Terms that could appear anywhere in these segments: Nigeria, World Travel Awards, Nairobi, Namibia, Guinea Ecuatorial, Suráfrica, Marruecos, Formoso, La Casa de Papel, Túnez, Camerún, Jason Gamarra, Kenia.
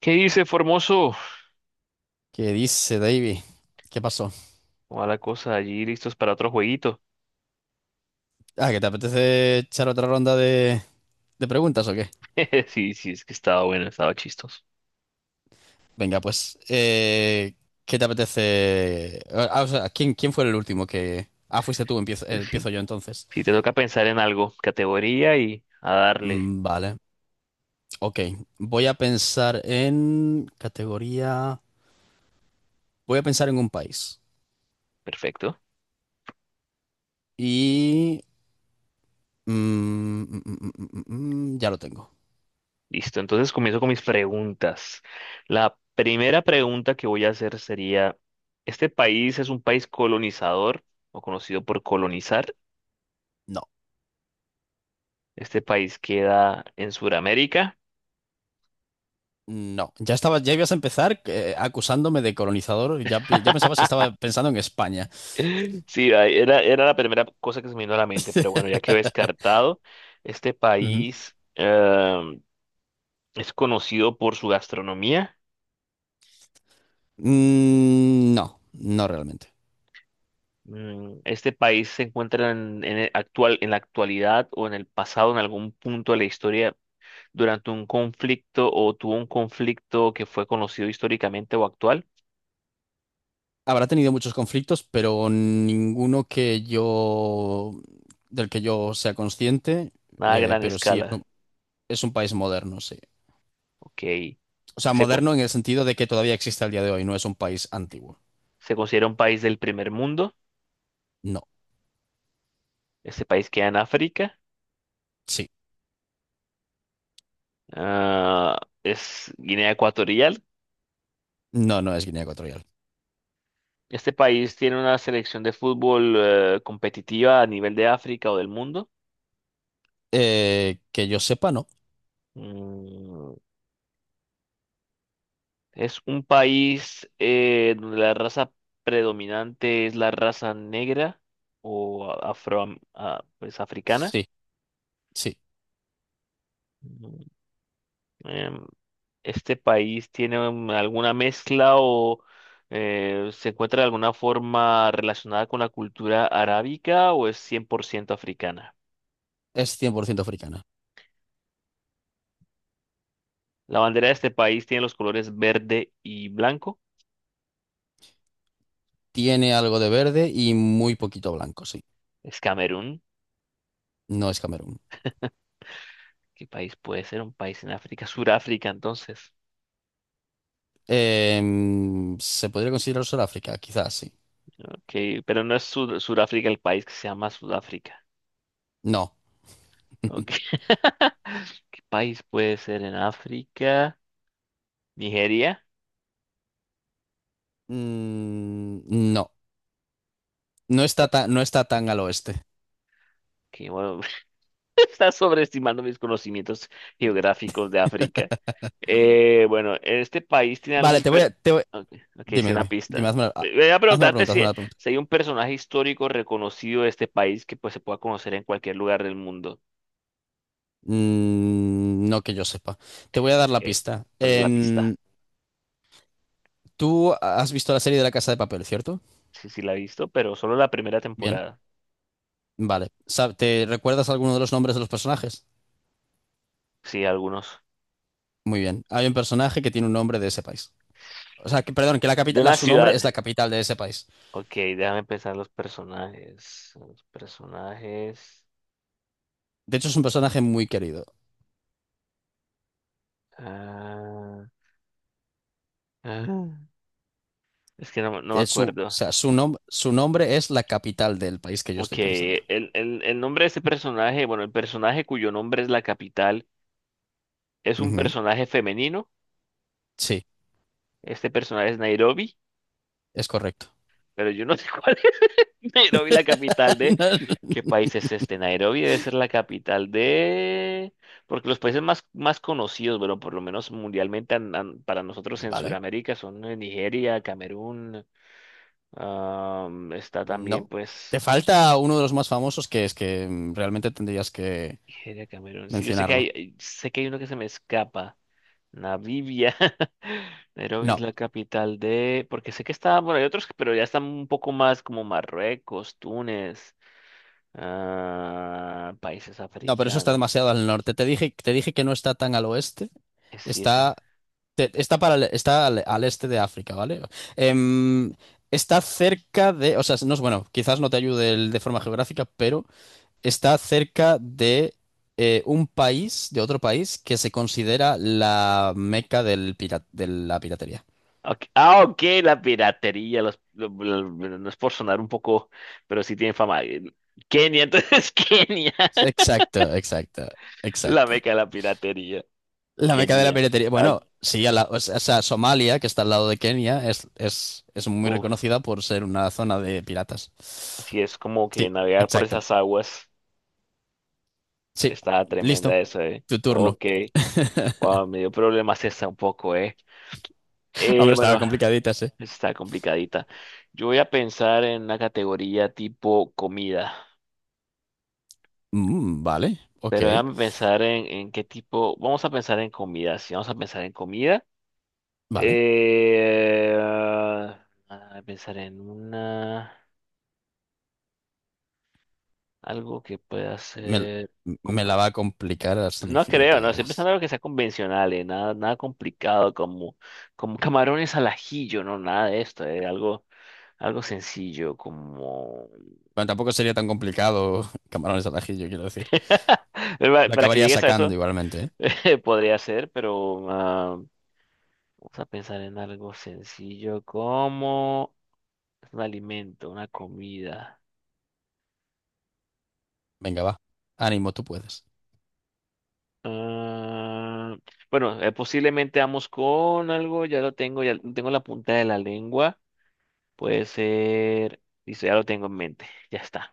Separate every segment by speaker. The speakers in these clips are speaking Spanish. Speaker 1: ¿Qué dice Formoso?
Speaker 2: ¿Qué dice, David? ¿Qué pasó?
Speaker 1: ¿Cómo va la cosa allí? ¿Listos para otro jueguito?
Speaker 2: ¿Que te apetece echar otra ronda de preguntas o qué?
Speaker 1: Sí, sí, es que estaba bueno, estaba chistoso.
Speaker 2: Venga, pues, ¿qué te apetece? Ah, o sea, ¿quién fue el último que... Ah, fuiste tú, empiezo,
Speaker 1: Sí,
Speaker 2: empiezo yo entonces.
Speaker 1: sí, te toca pensar en algo, categoría y a darle.
Speaker 2: Vale, ok. Voy a pensar en categoría... Voy a pensar en un país.
Speaker 1: Perfecto.
Speaker 2: Y... ya lo tengo.
Speaker 1: Listo, entonces comienzo con mis preguntas. La primera pregunta que voy a hacer sería, ¿este país es un país colonizador o conocido por colonizar?
Speaker 2: No,
Speaker 1: ¿Este país queda en Sudamérica?
Speaker 2: no. Ya estaba, ya ibas a empezar acusándome de colonizador. Ya, ya pensabas que estaba pensando en España.
Speaker 1: Sí, ay, era, era la primera cosa que se me vino a la mente, pero bueno, ya quedó descartado. Este
Speaker 2: Ujú.
Speaker 1: país es conocido por su gastronomía.
Speaker 2: Mm, no, no realmente.
Speaker 1: Este país se encuentra en el actual, en la actualidad o en el pasado, en algún punto de la historia, durante un conflicto o tuvo un conflicto que fue conocido históricamente o actual.
Speaker 2: Habrá tenido muchos conflictos, pero del que yo sea consciente,
Speaker 1: Nada a gran
Speaker 2: pero sí es
Speaker 1: escala.
Speaker 2: es un país moderno, sí.
Speaker 1: Ok.
Speaker 2: O sea,
Speaker 1: Se, co-
Speaker 2: moderno en el sentido de que todavía existe al día de hoy, no es un país antiguo.
Speaker 1: Se considera un país del primer mundo.
Speaker 2: No,
Speaker 1: Este país queda en África.
Speaker 2: sí.
Speaker 1: Ah, es Guinea Ecuatorial.
Speaker 2: No, no es Guinea Ecuatorial.
Speaker 1: Este país tiene una selección de fútbol competitiva a nivel de África o del mundo.
Speaker 2: Que yo sepa, no.
Speaker 1: Mm, es un país donde la raza predominante es la raza negra o afro, ah, pues africana.
Speaker 2: Sí, sí.
Speaker 1: Mm, em, este país tiene alguna mezcla o se encuentra de alguna forma relacionada con la cultura arábica o es 100% africana.
Speaker 2: Es 100% africana.
Speaker 1: La bandera de este país tiene los colores verde y blanco.
Speaker 2: Tiene algo de verde y muy poquito blanco, sí.
Speaker 1: Es Camerún.
Speaker 2: No es Camerún.
Speaker 1: ¿Qué país puede ser? Un país en África. Suráfrica, entonces.
Speaker 2: Em, se podría considerar Sudáfrica, quizás, sí.
Speaker 1: Ok, pero no es Suráfrica el país que se llama Sudáfrica.
Speaker 2: No.
Speaker 1: Ok. ¿Qué país puede ser en África? Nigeria.
Speaker 2: Mm, no. No está tan al oeste.
Speaker 1: Que bueno, estás sobreestimando mis conocimientos geográficos de África. Bueno, ¿este país tiene
Speaker 2: Vale,
Speaker 1: algún...
Speaker 2: te voy
Speaker 1: Per...
Speaker 2: a...
Speaker 1: Ok, ok, sí,
Speaker 2: Dime,
Speaker 1: una
Speaker 2: dime.
Speaker 1: pista.
Speaker 2: Dime,
Speaker 1: Voy a
Speaker 2: hazme la
Speaker 1: preguntarte
Speaker 2: pregunta,
Speaker 1: si,
Speaker 2: hazme la pregunta.
Speaker 1: si hay un personaje histórico reconocido de este país que pues, se pueda conocer en cualquier lugar del mundo.
Speaker 2: Mm, no que yo sepa. Te voy a dar la
Speaker 1: Ok,
Speaker 2: pista.
Speaker 1: ¿cuál es la pista?
Speaker 2: ¿Tú has visto la serie de La Casa de Papel, cierto?
Speaker 1: Sí, sí, la he visto, pero solo la primera
Speaker 2: Bien.
Speaker 1: temporada.
Speaker 2: Vale. ¿Te recuerdas alguno de los nombres de los personajes?
Speaker 1: Sí, algunos.
Speaker 2: Muy bien. Hay un personaje que tiene un nombre de ese país. O sea, que, perdón, que la
Speaker 1: De
Speaker 2: capital,
Speaker 1: una
Speaker 2: su nombre es
Speaker 1: ciudad.
Speaker 2: la capital de ese país.
Speaker 1: Ok, déjame pensar los personajes. Los personajes.
Speaker 2: De hecho, es un personaje muy querido.
Speaker 1: Ah, ah, es que no, no me
Speaker 2: Es su, o
Speaker 1: acuerdo.
Speaker 2: sea, su, nom- su nombre es la capital del país que yo
Speaker 1: Ok,
Speaker 2: estoy pensando.
Speaker 1: el nombre de este personaje, bueno, el personaje cuyo nombre es la capital, es un
Speaker 2: Ujú.
Speaker 1: personaje femenino.
Speaker 2: Sí,
Speaker 1: Este personaje es Nairobi,
Speaker 2: es correcto.
Speaker 1: pero yo no sé cuál es Nairobi, la capital de... ¿Qué país es este? Nairobi debe ser la capital de... Porque los países más conocidos, bueno, por lo menos mundialmente para nosotros en
Speaker 2: Vale.
Speaker 1: Sudamérica son Nigeria, Camerún, am, está
Speaker 2: No.
Speaker 1: también
Speaker 2: Te
Speaker 1: pues...
Speaker 2: falta uno de los más famosos, que es que realmente tendrías que
Speaker 1: Nigeria, Camerún. Sí, yo
Speaker 2: mencionarlo.
Speaker 1: sé que hay uno que se me escapa. Namibia. Nairobi es
Speaker 2: No,
Speaker 1: la capital de... Porque sé que estaba bueno, hay otros, pero ya están un poco más como Marruecos, Túnez, ah, países
Speaker 2: no, pero eso está
Speaker 1: africanos.
Speaker 2: demasiado al norte. Te dije que no está tan al oeste.
Speaker 1: Es sí, eso.
Speaker 2: Está, te- está, para, el- Está al este de África, ¿vale? Em, Está cerca de, o sea, no es bueno, quizás no te ayude de forma geográfica, pero está cerca de un país, de otro país que se considera la meca de la piratería.
Speaker 1: Ok, ah, ok, la piratería. Los, no es por sonar un poco, pero sí tiene fama. Kenia, entonces Kenia.
Speaker 2: Exacto, exacto,
Speaker 1: La
Speaker 2: exacto.
Speaker 1: meca de la piratería.
Speaker 2: La meca de la
Speaker 1: Kenia.
Speaker 2: piratería.
Speaker 1: Ah,
Speaker 2: Bueno, sí, a la- o sea, Somalia, que está al lado de Kenia, es muy
Speaker 1: uf,
Speaker 2: reconocida por ser una zona de piratas.
Speaker 1: sí, es como que
Speaker 2: Sí,
Speaker 1: navegar por
Speaker 2: exacto.
Speaker 1: esas aguas
Speaker 2: Sí,
Speaker 1: está
Speaker 2: listo.
Speaker 1: tremenda eso, ¿eh?
Speaker 2: Tu turno.
Speaker 1: Ok. Wow, me dio problemas esta un poco, ¿eh?
Speaker 2: Hombre, estaba
Speaker 1: Bueno,
Speaker 2: complicadita, sí.
Speaker 1: está complicadita. Yo voy a pensar en una categoría tipo comida,
Speaker 2: Vale,
Speaker 1: pero déjame pensar en qué tipo. Vamos a pensar en comida, sí, vamos a pensar en comida.
Speaker 2: vale.
Speaker 1: Pensar en una algo que pueda
Speaker 2: Me,
Speaker 1: ser.
Speaker 2: me la va a complicar hasta el
Speaker 1: No
Speaker 2: infinito,
Speaker 1: creo, no,
Speaker 2: ya
Speaker 1: estoy pensando
Speaker 2: verás.
Speaker 1: en algo que sea convencional, nada, nada complicado, como, como camarones al ajillo, no, nada de esto, algo, algo sencillo, como...
Speaker 2: Bueno, tampoco sería tan complicado camarones al ajillo, quiero decir.
Speaker 1: Para
Speaker 2: Lo
Speaker 1: para que
Speaker 2: acabaría
Speaker 1: llegues a
Speaker 2: sacando
Speaker 1: eso,
Speaker 2: igualmente, ¿eh?
Speaker 1: podría ser, pero ah, vamos a pensar en algo sencillo, como un alimento, una comida.
Speaker 2: Venga, va. Ánimo, tú puedes.
Speaker 1: Ah, bueno, posiblemente vamos con algo, ya lo tengo en la punta de la lengua. Puede ser. Listo, ya lo tengo en mente. Ya está.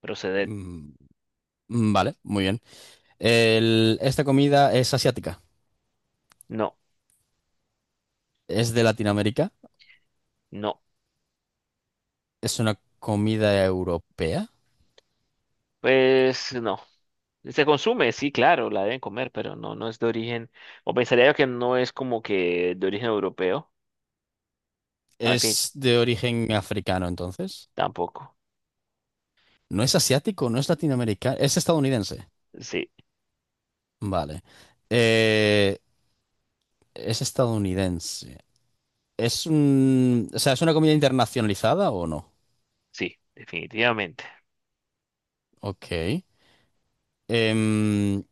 Speaker 1: Proceder.
Speaker 2: Mm, vale, muy bien. Esta comida es asiática.
Speaker 1: No,
Speaker 2: Es de Latinoamérica.
Speaker 1: no.
Speaker 2: Es una comida europea.
Speaker 1: Pues no. Se consume, sí, claro, la deben comer, pero no, no es de origen. O pensaría yo que no es como que de origen europeo. No, en fin,
Speaker 2: Es de origen africano, entonces.
Speaker 1: tampoco.
Speaker 2: No es asiático, no es latinoamericano. Es estadounidense.
Speaker 1: Sí,
Speaker 2: Vale. Eh, es estadounidense. Es un... O sea, ¿es una comida internacionalizada o no?
Speaker 1: sí, definitivamente.
Speaker 2: Ok. Em,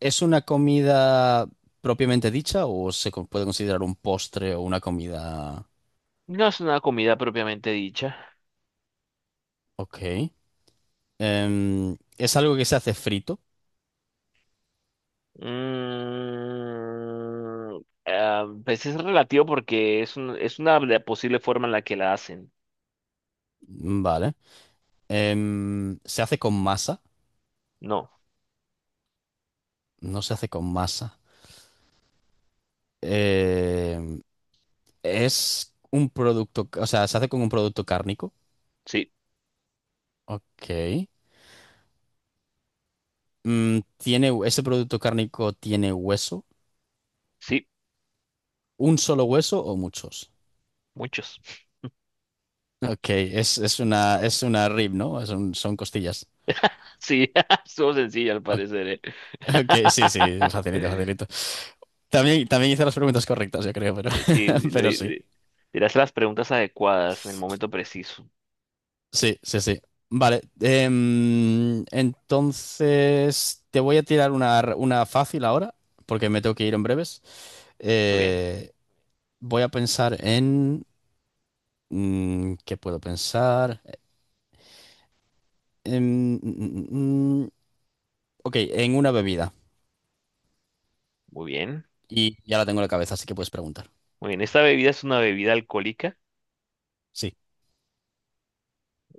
Speaker 2: ¿es una comida propiamente dicha o puede considerar un postre o una comida?
Speaker 1: No es una comida propiamente dicha.
Speaker 2: Ok. Em, ¿es algo que se hace frito?
Speaker 1: Mm, pues es relativo porque es una posible forma en la que la hacen.
Speaker 2: Vale. Em, ¿se hace con masa?
Speaker 1: No,
Speaker 2: No se hace con masa. Em, ¿es un producto, o sea, se hace con un producto cárnico?
Speaker 1: sí,
Speaker 2: Ok. Mm, ¿tiene, ese producto cárnico tiene hueso?
Speaker 1: sí,
Speaker 2: ¿Un solo hueso o muchos?
Speaker 1: muchos.
Speaker 2: Ok, es una rib, ¿no? Son costillas.
Speaker 1: Sí, estuvo sencilla al parecer, ¿eh?
Speaker 2: Ok, sí, sí, facilito, facilito. También, también hice las preguntas correctas, yo creo, pero,
Speaker 1: Eh, Sí,
Speaker 2: pero
Speaker 1: le,
Speaker 2: sí,
Speaker 1: le- le las preguntas adecuadas en el momento preciso.
Speaker 2: sí. Vale, em, entonces te voy a tirar una fácil ahora, porque me tengo que ir en breves.
Speaker 1: Muy bien,
Speaker 2: Eh, voy a pensar en... mm, ¿qué puedo pensar? En, ok, en una bebida.
Speaker 1: muy bien.
Speaker 2: Y ya la tengo en la cabeza, así que puedes preguntar.
Speaker 1: Muy bien, ¿esta bebida es una bebida alcohólica?
Speaker 2: Sí.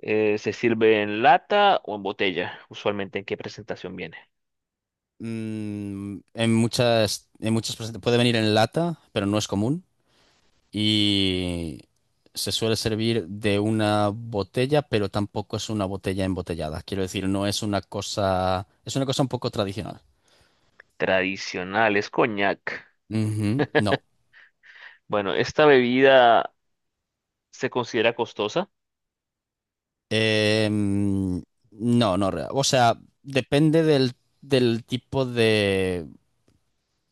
Speaker 1: ¿Se sirve en lata o en botella? Usualmente, ¿en qué presentación viene?
Speaker 2: Mm, en muchas presentaciones. Puede venir en lata, pero no es común. Y se suele servir de una botella, pero tampoco es una botella embotellada. Quiero decir, no es una cosa, es una cosa un poco tradicional.
Speaker 1: Tradicional, es coñac.
Speaker 2: Ujú, no.
Speaker 1: Bueno, ¿esta bebida se considera costosa?
Speaker 2: Em, no, no. O sea, depende del tipo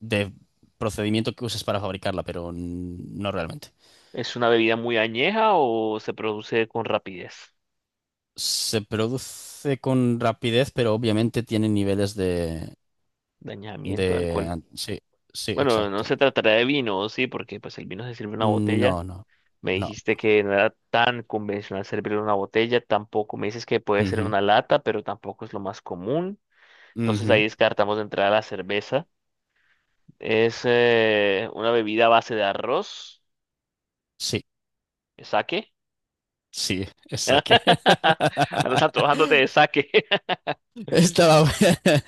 Speaker 2: de procedimiento que uses para fabricarla, pero no realmente.
Speaker 1: ¿Es una bebida muy añeja o se produce con rapidez?
Speaker 2: Se produce con rapidez, pero obviamente tiene niveles
Speaker 1: Dañamiento de alcohol.
Speaker 2: Sí, sí,
Speaker 1: Bueno, no
Speaker 2: exacto.
Speaker 1: se tratará de vino, sí, porque pues el vino se sirve en una botella.
Speaker 2: No, no,
Speaker 1: Me
Speaker 2: no.
Speaker 1: dijiste que no era tan convencional servirlo en una botella, tampoco me dices que puede ser
Speaker 2: Ujú,
Speaker 1: una lata, pero tampoco es lo más común. Entonces
Speaker 2: ujú.
Speaker 1: ahí descartamos de entrada la cerveza. Es una bebida a base de arroz,
Speaker 2: Sí,
Speaker 1: sake.
Speaker 2: sí, exacto.
Speaker 1: Andas antojándote de sake.
Speaker 2: Estaba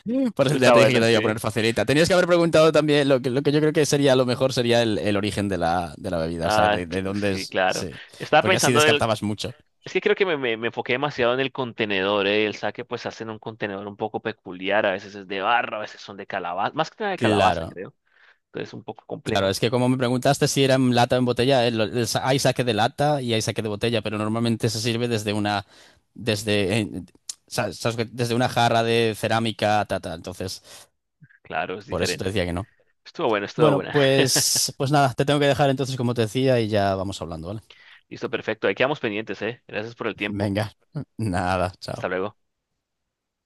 Speaker 2: bueno. Por eso ya
Speaker 1: Está
Speaker 2: te dije que
Speaker 1: buena,
Speaker 2: te iba a
Speaker 1: sí.
Speaker 2: poner facilita. Tenías que haber preguntado también lo que yo creo que sería lo mejor sería el origen de de la bebida, o sea,
Speaker 1: Ah,
Speaker 2: de
Speaker 1: cl-
Speaker 2: dónde
Speaker 1: sí,
Speaker 2: es.
Speaker 1: claro.
Speaker 2: Sí,
Speaker 1: Estaba
Speaker 2: porque así
Speaker 1: pensando
Speaker 2: descartabas mucho.
Speaker 1: es que creo que me enfoqué demasiado en el contenedor, ¿eh? El saque pues hacen un contenedor un poco peculiar, a veces es de barro, a veces son de calabaza, más que nada de calabaza,
Speaker 2: Claro,
Speaker 1: creo. Entonces un poco
Speaker 2: claro,
Speaker 1: complejo,
Speaker 2: es que como me preguntaste si era en lata o en botella, hay saque de lata y hay saque de botella, pero normalmente se sirve desde desde, sabes desde una jarra de cerámica, ta, ta. Entonces,
Speaker 1: claro, es
Speaker 2: por eso te
Speaker 1: diferente.
Speaker 2: decía que no.
Speaker 1: Estuvo bueno, estuvo
Speaker 2: Bueno,
Speaker 1: buena.
Speaker 2: pues, pues nada, te tengo que dejar entonces, como te decía, y ya vamos hablando, ¿vale?
Speaker 1: Listo, perfecto, ahí quedamos pendientes, ¿eh? Gracias por el tiempo.
Speaker 2: Venga, nada, chao.
Speaker 1: Hasta luego.